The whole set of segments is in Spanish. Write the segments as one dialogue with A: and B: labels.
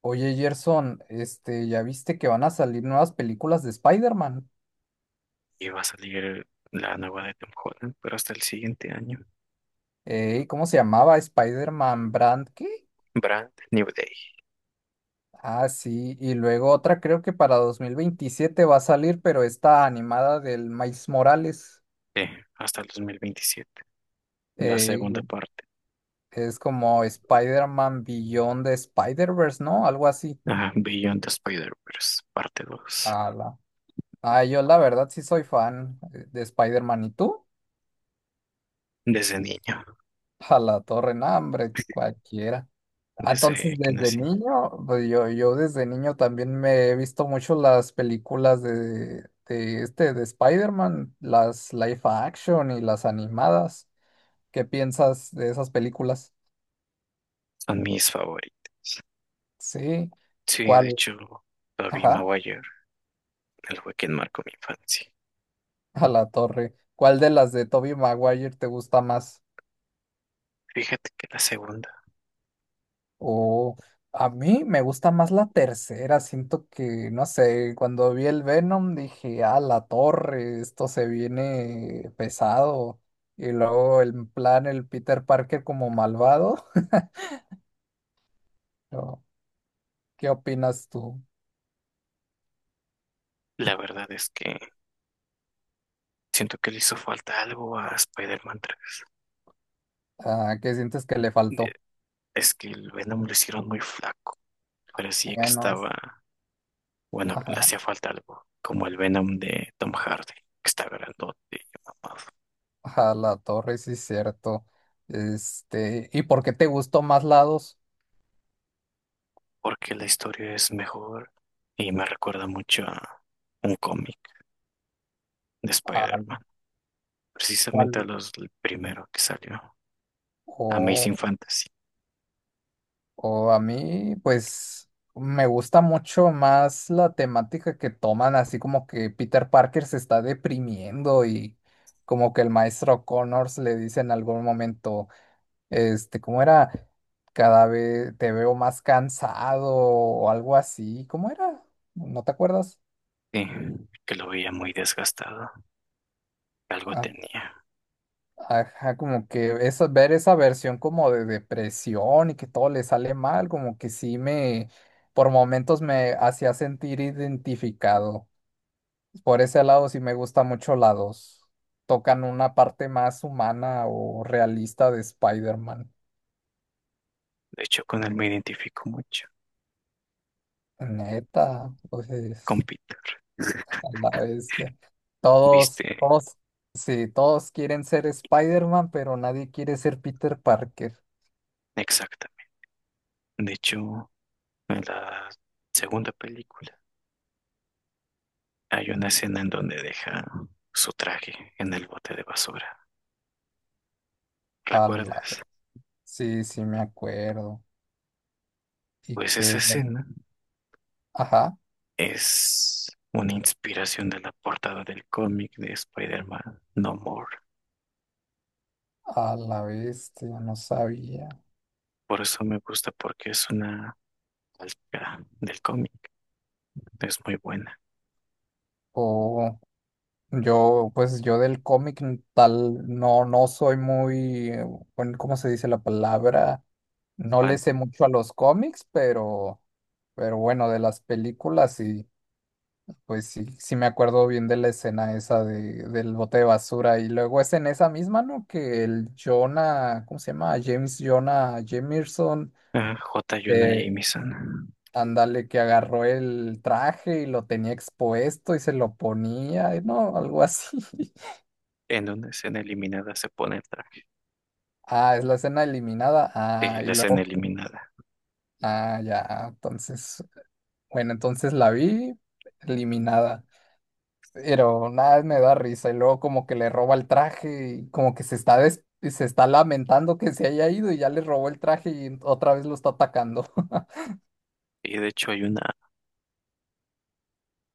A: Oye, Gerson, ¿ya viste que van a salir nuevas películas de Spider-Man?
B: Y va a salir la nueva de Tom Holland, pero hasta el siguiente año.
A: Ey, ¿cómo se llamaba? ¿Spider-Man Brand qué?
B: Brand New Day,
A: Ah, sí, y luego otra creo que para 2027 va a salir, pero está animada del Miles Morales.
B: hasta el 2027, la
A: Ey,
B: segunda parte.
A: es como Spider-Man Beyond the Spider-Verse, ¿no? Algo así.
B: Ajá, Beyond the Spider-Verse, parte dos.
A: Ala. Ah, yo la verdad sí soy fan de Spider-Man, ¿y tú?
B: Desde niño,
A: A la torre, no, hombre, cualquiera. Ah,
B: desde
A: entonces,
B: que
A: desde
B: nací,
A: niño, pues yo desde niño también me he visto mucho las películas de Spider-Man, las live action y las animadas. ¿Qué piensas de esas películas?
B: son mis favoritos.
A: Sí.
B: Sí, de
A: ¿Cuál?
B: hecho, Tobey
A: Ajá,
B: Maguire, él fue quien marcó mi infancia.
A: a la torre. ¿Cuál de las de Tobey Maguire te gusta más?
B: Fíjate que la segunda,
A: O a mí me gusta más la tercera, siento que, no sé, cuando vi el Venom dije, ah, la torre, esto se viene pesado. Y luego el plan, el Peter Parker como malvado. ¿No? ¿Qué opinas tú?
B: la verdad es que siento que le hizo falta algo a Spider-Man 3.
A: Ah, ¿qué sientes que le
B: Eh,
A: faltó?
B: Es que el Venom lo hicieron muy flaco, parecía que
A: Bueno,
B: estaba. Bueno, le
A: ajá,
B: hacía falta algo, como el Venom de Tom Hardy, que está grandote y mamado,
A: ajá, la torre, sí, cierto. ¿Y por qué te gustó más lados?
B: porque la historia es mejor y me recuerda mucho a un cómic de
A: ¿Al
B: Spider-Man, precisamente a los el primero que salió,
A: cual?
B: Amazing Fantasy,
A: O a mí, pues, me gusta mucho más la temática que toman, así como que Peter Parker se está deprimiendo y como que el maestro Connors le dice en algún momento, ¿cómo era? Cada vez te veo más cansado o algo así. ¿Cómo era? ¿No te acuerdas?
B: sí, que lo veía muy desgastado, algo
A: Ah,
B: tenía.
A: ajá, como que esa, ver esa versión como de depresión y que todo le sale mal, como que sí me, por momentos me hacía sentir identificado. Por ese lado sí me gusta mucho la dos. Tocan una parte más humana o realista de Spider-Man.
B: De hecho, con él me identifico mucho,
A: Neta,
B: con
A: pues
B: Peter,
A: a la bestia. Todos,
B: viste,
A: todos, sí, todos quieren ser Spider-Man, pero nadie quiere ser Peter Parker.
B: exactamente. De hecho, en la segunda película. Hay una escena en donde deja su traje en el bote de basura.
A: A la,
B: ¿Recuerdas?
A: sí, sí me acuerdo. Y
B: Pues esa
A: que,
B: escena
A: ajá,
B: es una inspiración de la portada del cómic de Spider-Man No More.
A: a la bestia, no sabía.
B: Por eso me gusta porque es una calca del cómic. Es muy buena.
A: Oh. Yo, pues yo del cómic no, no soy muy, bueno, ¿cómo se dice la palabra? No le
B: Fan.
A: sé mucho a los cómics, pero bueno, de las películas y pues sí, sí me acuerdo bien de la escena esa del bote de basura. Y luego es en esa misma, ¿no? Que el Jonah, ¿cómo se llama? James Jonah Jameson,
B: Ah, J. Jonah
A: de,
B: Jameson.
A: ándale, que agarró el traje y lo tenía expuesto y se lo ponía, y ¿no? Algo así.
B: En una escena eliminada se pone el traje.
A: Ah, es la escena eliminada.
B: Sí,
A: Ah, y
B: la escena
A: luego.
B: eliminada.
A: Ah, ya. Entonces. Bueno, entonces la vi eliminada. Pero nada, me da risa. Y luego como que le roba el traje y como que se está lamentando que se haya ido y ya le robó el traje y otra vez lo está atacando.
B: Y de hecho hay una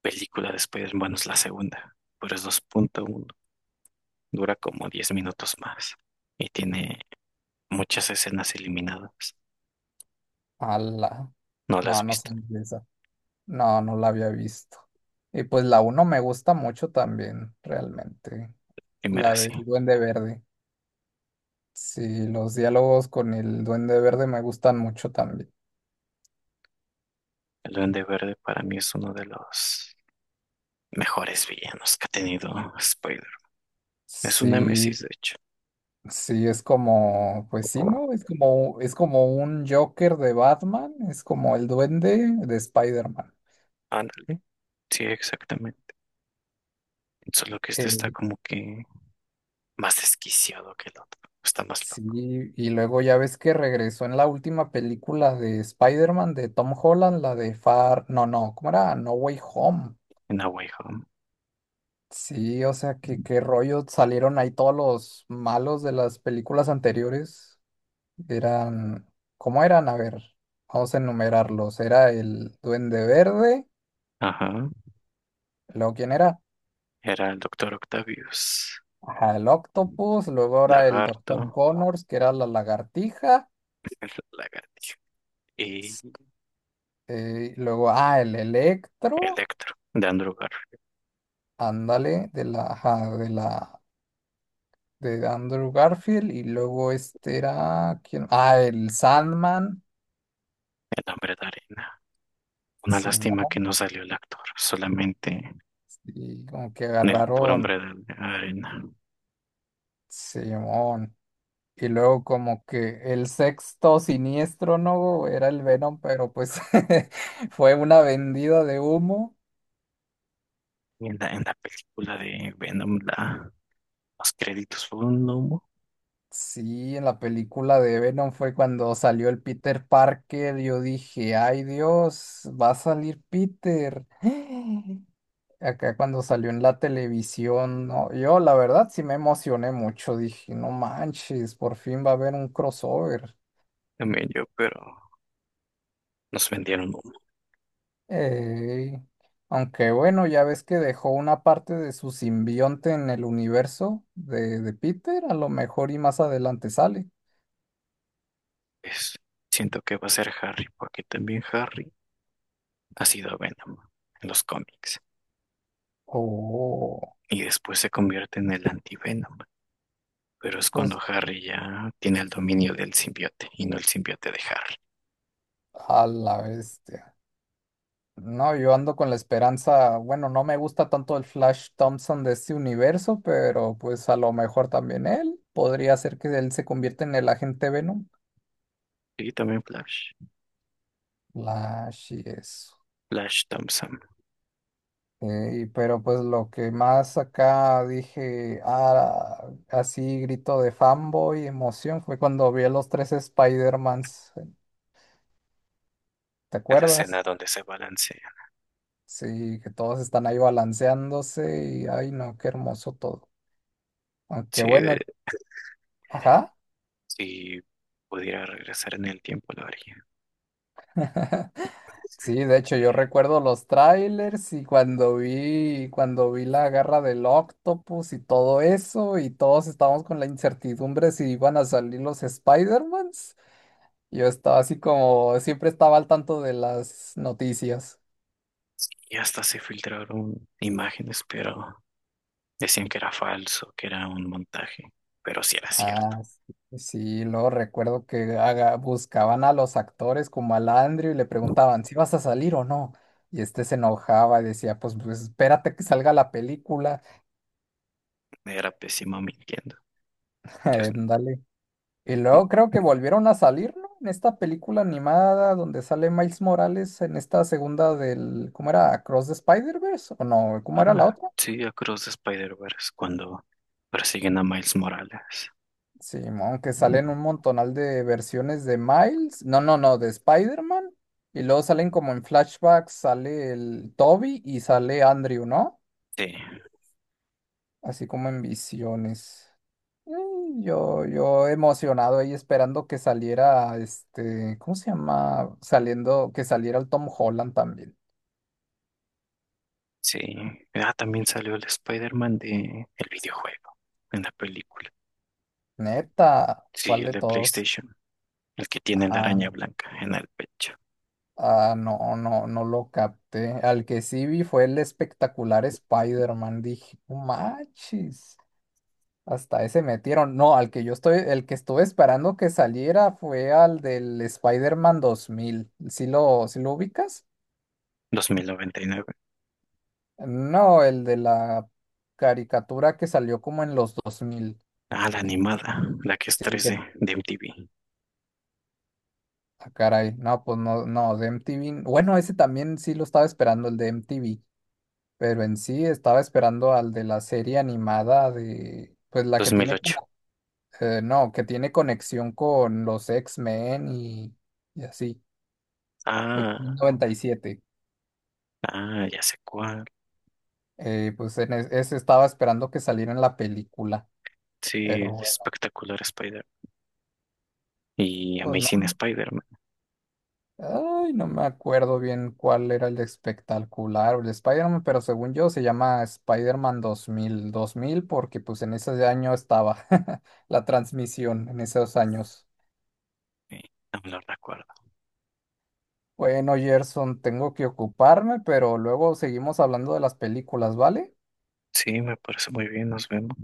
B: película de Spider-Man, es la segunda. Pero es 2.1. Dura como 10 minutos más y tiene muchas escenas eliminadas.
A: Ala.
B: No las
A: No,
B: has
A: no sé
B: visto.
A: de esa. No, no la había visto. Y pues la uno me gusta mucho también, realmente. La
B: Primera sí.
A: del Duende Verde. Sí, los diálogos con el Duende Verde me gustan mucho también.
B: El Duende Verde para mí es uno de los mejores villanos que ha tenido Spider. Es un
A: Sí,
B: némesis, de hecho.
A: sí, es como, pues sí, ¿no? Es como un Joker de Batman, es como el Duende de Spider-Man.
B: Ándale. Sí, exactamente. Solo que este está
A: Eh,
B: como que más desquiciado que el otro. Está más
A: sí,
B: loco.
A: y luego ya ves que regresó en la última película de Spider-Man de Tom Holland, la de Far, no, no, ¿cómo era? No Way Home.
B: En A Way Home.
A: Sí, o sea, que qué rollo salieron ahí todos los malos de las películas anteriores. Eran, ¿cómo eran? A ver, vamos a enumerarlos. Era el Duende Verde,
B: Ajá.
A: luego ¿quién era?
B: Era el Doctor Octavius.
A: Ajá, el Octopus, luego ahora el
B: Lagarto,
A: Doctor Connors, que era la lagartija,
B: el Lagartijo y
A: luego, ah, el Electro,
B: Electro de Andrew Garfield,
A: ándale, de la, ajá, de la, de Andrew Garfield, y luego este era, ¿quién? Ah, el Sandman,
B: el hombre de arena. Una lástima que
A: simón,
B: no salió el actor, solamente
A: y como que
B: en el puro
A: agarraron,
B: hombre de arena.
A: simón. Y luego como que el sexto siniestro, ¿no? Era el Venom, pero pues fue una vendida de humo.
B: Y en la película de Venom, los créditos fueron un humo.
A: Sí, en la película de Venom fue cuando salió el Peter Parker. Yo dije, ay Dios, va a salir Peter. Acá cuando salió en la televisión, no, yo la verdad sí me emocioné mucho. Dije, no manches, por fin va a haber un crossover.
B: También yo, pero nos vendieron humo.
A: Ey, aunque bueno, ya ves que dejó una parte de su simbionte en el universo de Peter, a lo mejor y más adelante sale.
B: Pues, siento que va a ser Harry, porque también Harry ha sido Venom en los cómics.
A: Oh,
B: Y después se convierte en el anti-Venom. Pero es cuando
A: pues
B: Harry ya tiene el dominio del simbiote y no el simbiote de Harry.
A: a la bestia. No, yo ando con la esperanza, bueno, no me gusta tanto el Flash Thompson de este universo, pero pues a lo mejor también él. Podría ser que él se convierta en el agente Venom.
B: Y también Flash.
A: Flash y eso.
B: Flash Thompson.
A: Pero pues lo que más acá dije, ah, así grito de fanboy, emoción, fue cuando vi a los tres Spider-Mans, ¿te
B: En la escena
A: acuerdas?
B: donde se balancea.
A: Sí, que todos están ahí balanceándose y ay no, qué hermoso todo. Aunque
B: Si,
A: bueno, ajá.
B: si pudiera regresar en el tiempo, lo haría.
A: Sí, de hecho yo recuerdo los trailers y cuando vi la garra del Octopus y todo eso y todos estábamos con la incertidumbre si iban a salir los Spider-Mans. Yo estaba así como, siempre estaba al tanto de las noticias.
B: Y hasta se filtraron imágenes, pero decían que era falso, que era un montaje. Pero sí era cierto.
A: Ah, sí, sí, luego recuerdo que buscaban a los actores como al Andrew y le preguntaban si vas a salir o no. Y este se enojaba y decía, pues, espérate que salga la película.
B: Era pésimo mintiendo. Yo.
A: Dale. Y luego creo que volvieron a salir, ¿no? En esta película animada donde sale Miles Morales en esta segunda del, ¿cómo era? Across the Spider-Verse, ¿o no? ¿Cómo era la
B: Ah,
A: otra?
B: sí, Across the Spider-Verse, cuando persiguen a Miles Morales.
A: Sí, aunque salen un montonal de versiones de Miles, no, no, no, de Spider-Man, y luego salen como en flashbacks, sale el Toby y sale Andrew, ¿no?
B: Sí,
A: Así como en visiones. Mm, yo emocionado ahí esperando que saliera, ¿cómo se llama? Saliendo, que saliera el Tom Holland también.
B: sí. Ah, también salió el Spider-Man de el videojuego en la película.
A: Neta,
B: Sí,
A: ¿cuál
B: el
A: de
B: de
A: todos?
B: PlayStation. El que tiene la araña blanca en el pecho.
A: Ah, no lo capté. Al que sí vi fue el espectacular Spider-Man. Dije, "No manches. Hasta ese metieron. No, al que yo estoy, el que estuve esperando que saliera fue al del Spider-Man 2000. Sí lo ubicas?
B: 2099.
A: No, el de la caricatura que salió como en los 2000.
B: Ah, la animada, la que es
A: Sí,
B: tres
A: que,
B: d de MTV.
A: ah, caray. No, pues no, no, de MTV. Bueno, ese también sí lo estaba esperando, el de MTV. Pero en sí estaba esperando al de la serie animada de, pues la que tiene
B: 2008.
A: como, no, que tiene conexión con los X-Men y así,
B: Ah,
A: X-Men 97.
B: ah, ya sé cuál.
A: Pues en ese estaba esperando que saliera en la película, pero
B: Sí,
A: bueno,
B: espectacular Spider. Y
A: pues no.
B: Amazing Spider-Man.
A: Ay, no me acuerdo bien cuál era el espectacular o el Spider-Man, pero según yo se llama Spider-Man dos mil dos mil porque pues en ese año estaba la transmisión, en esos años.
B: Eh, no me lo recuerdo.
A: Bueno, Gerson, tengo que ocuparme, pero luego seguimos hablando de las películas, ¿vale?
B: Sí, me parece muy bien, nos vemos.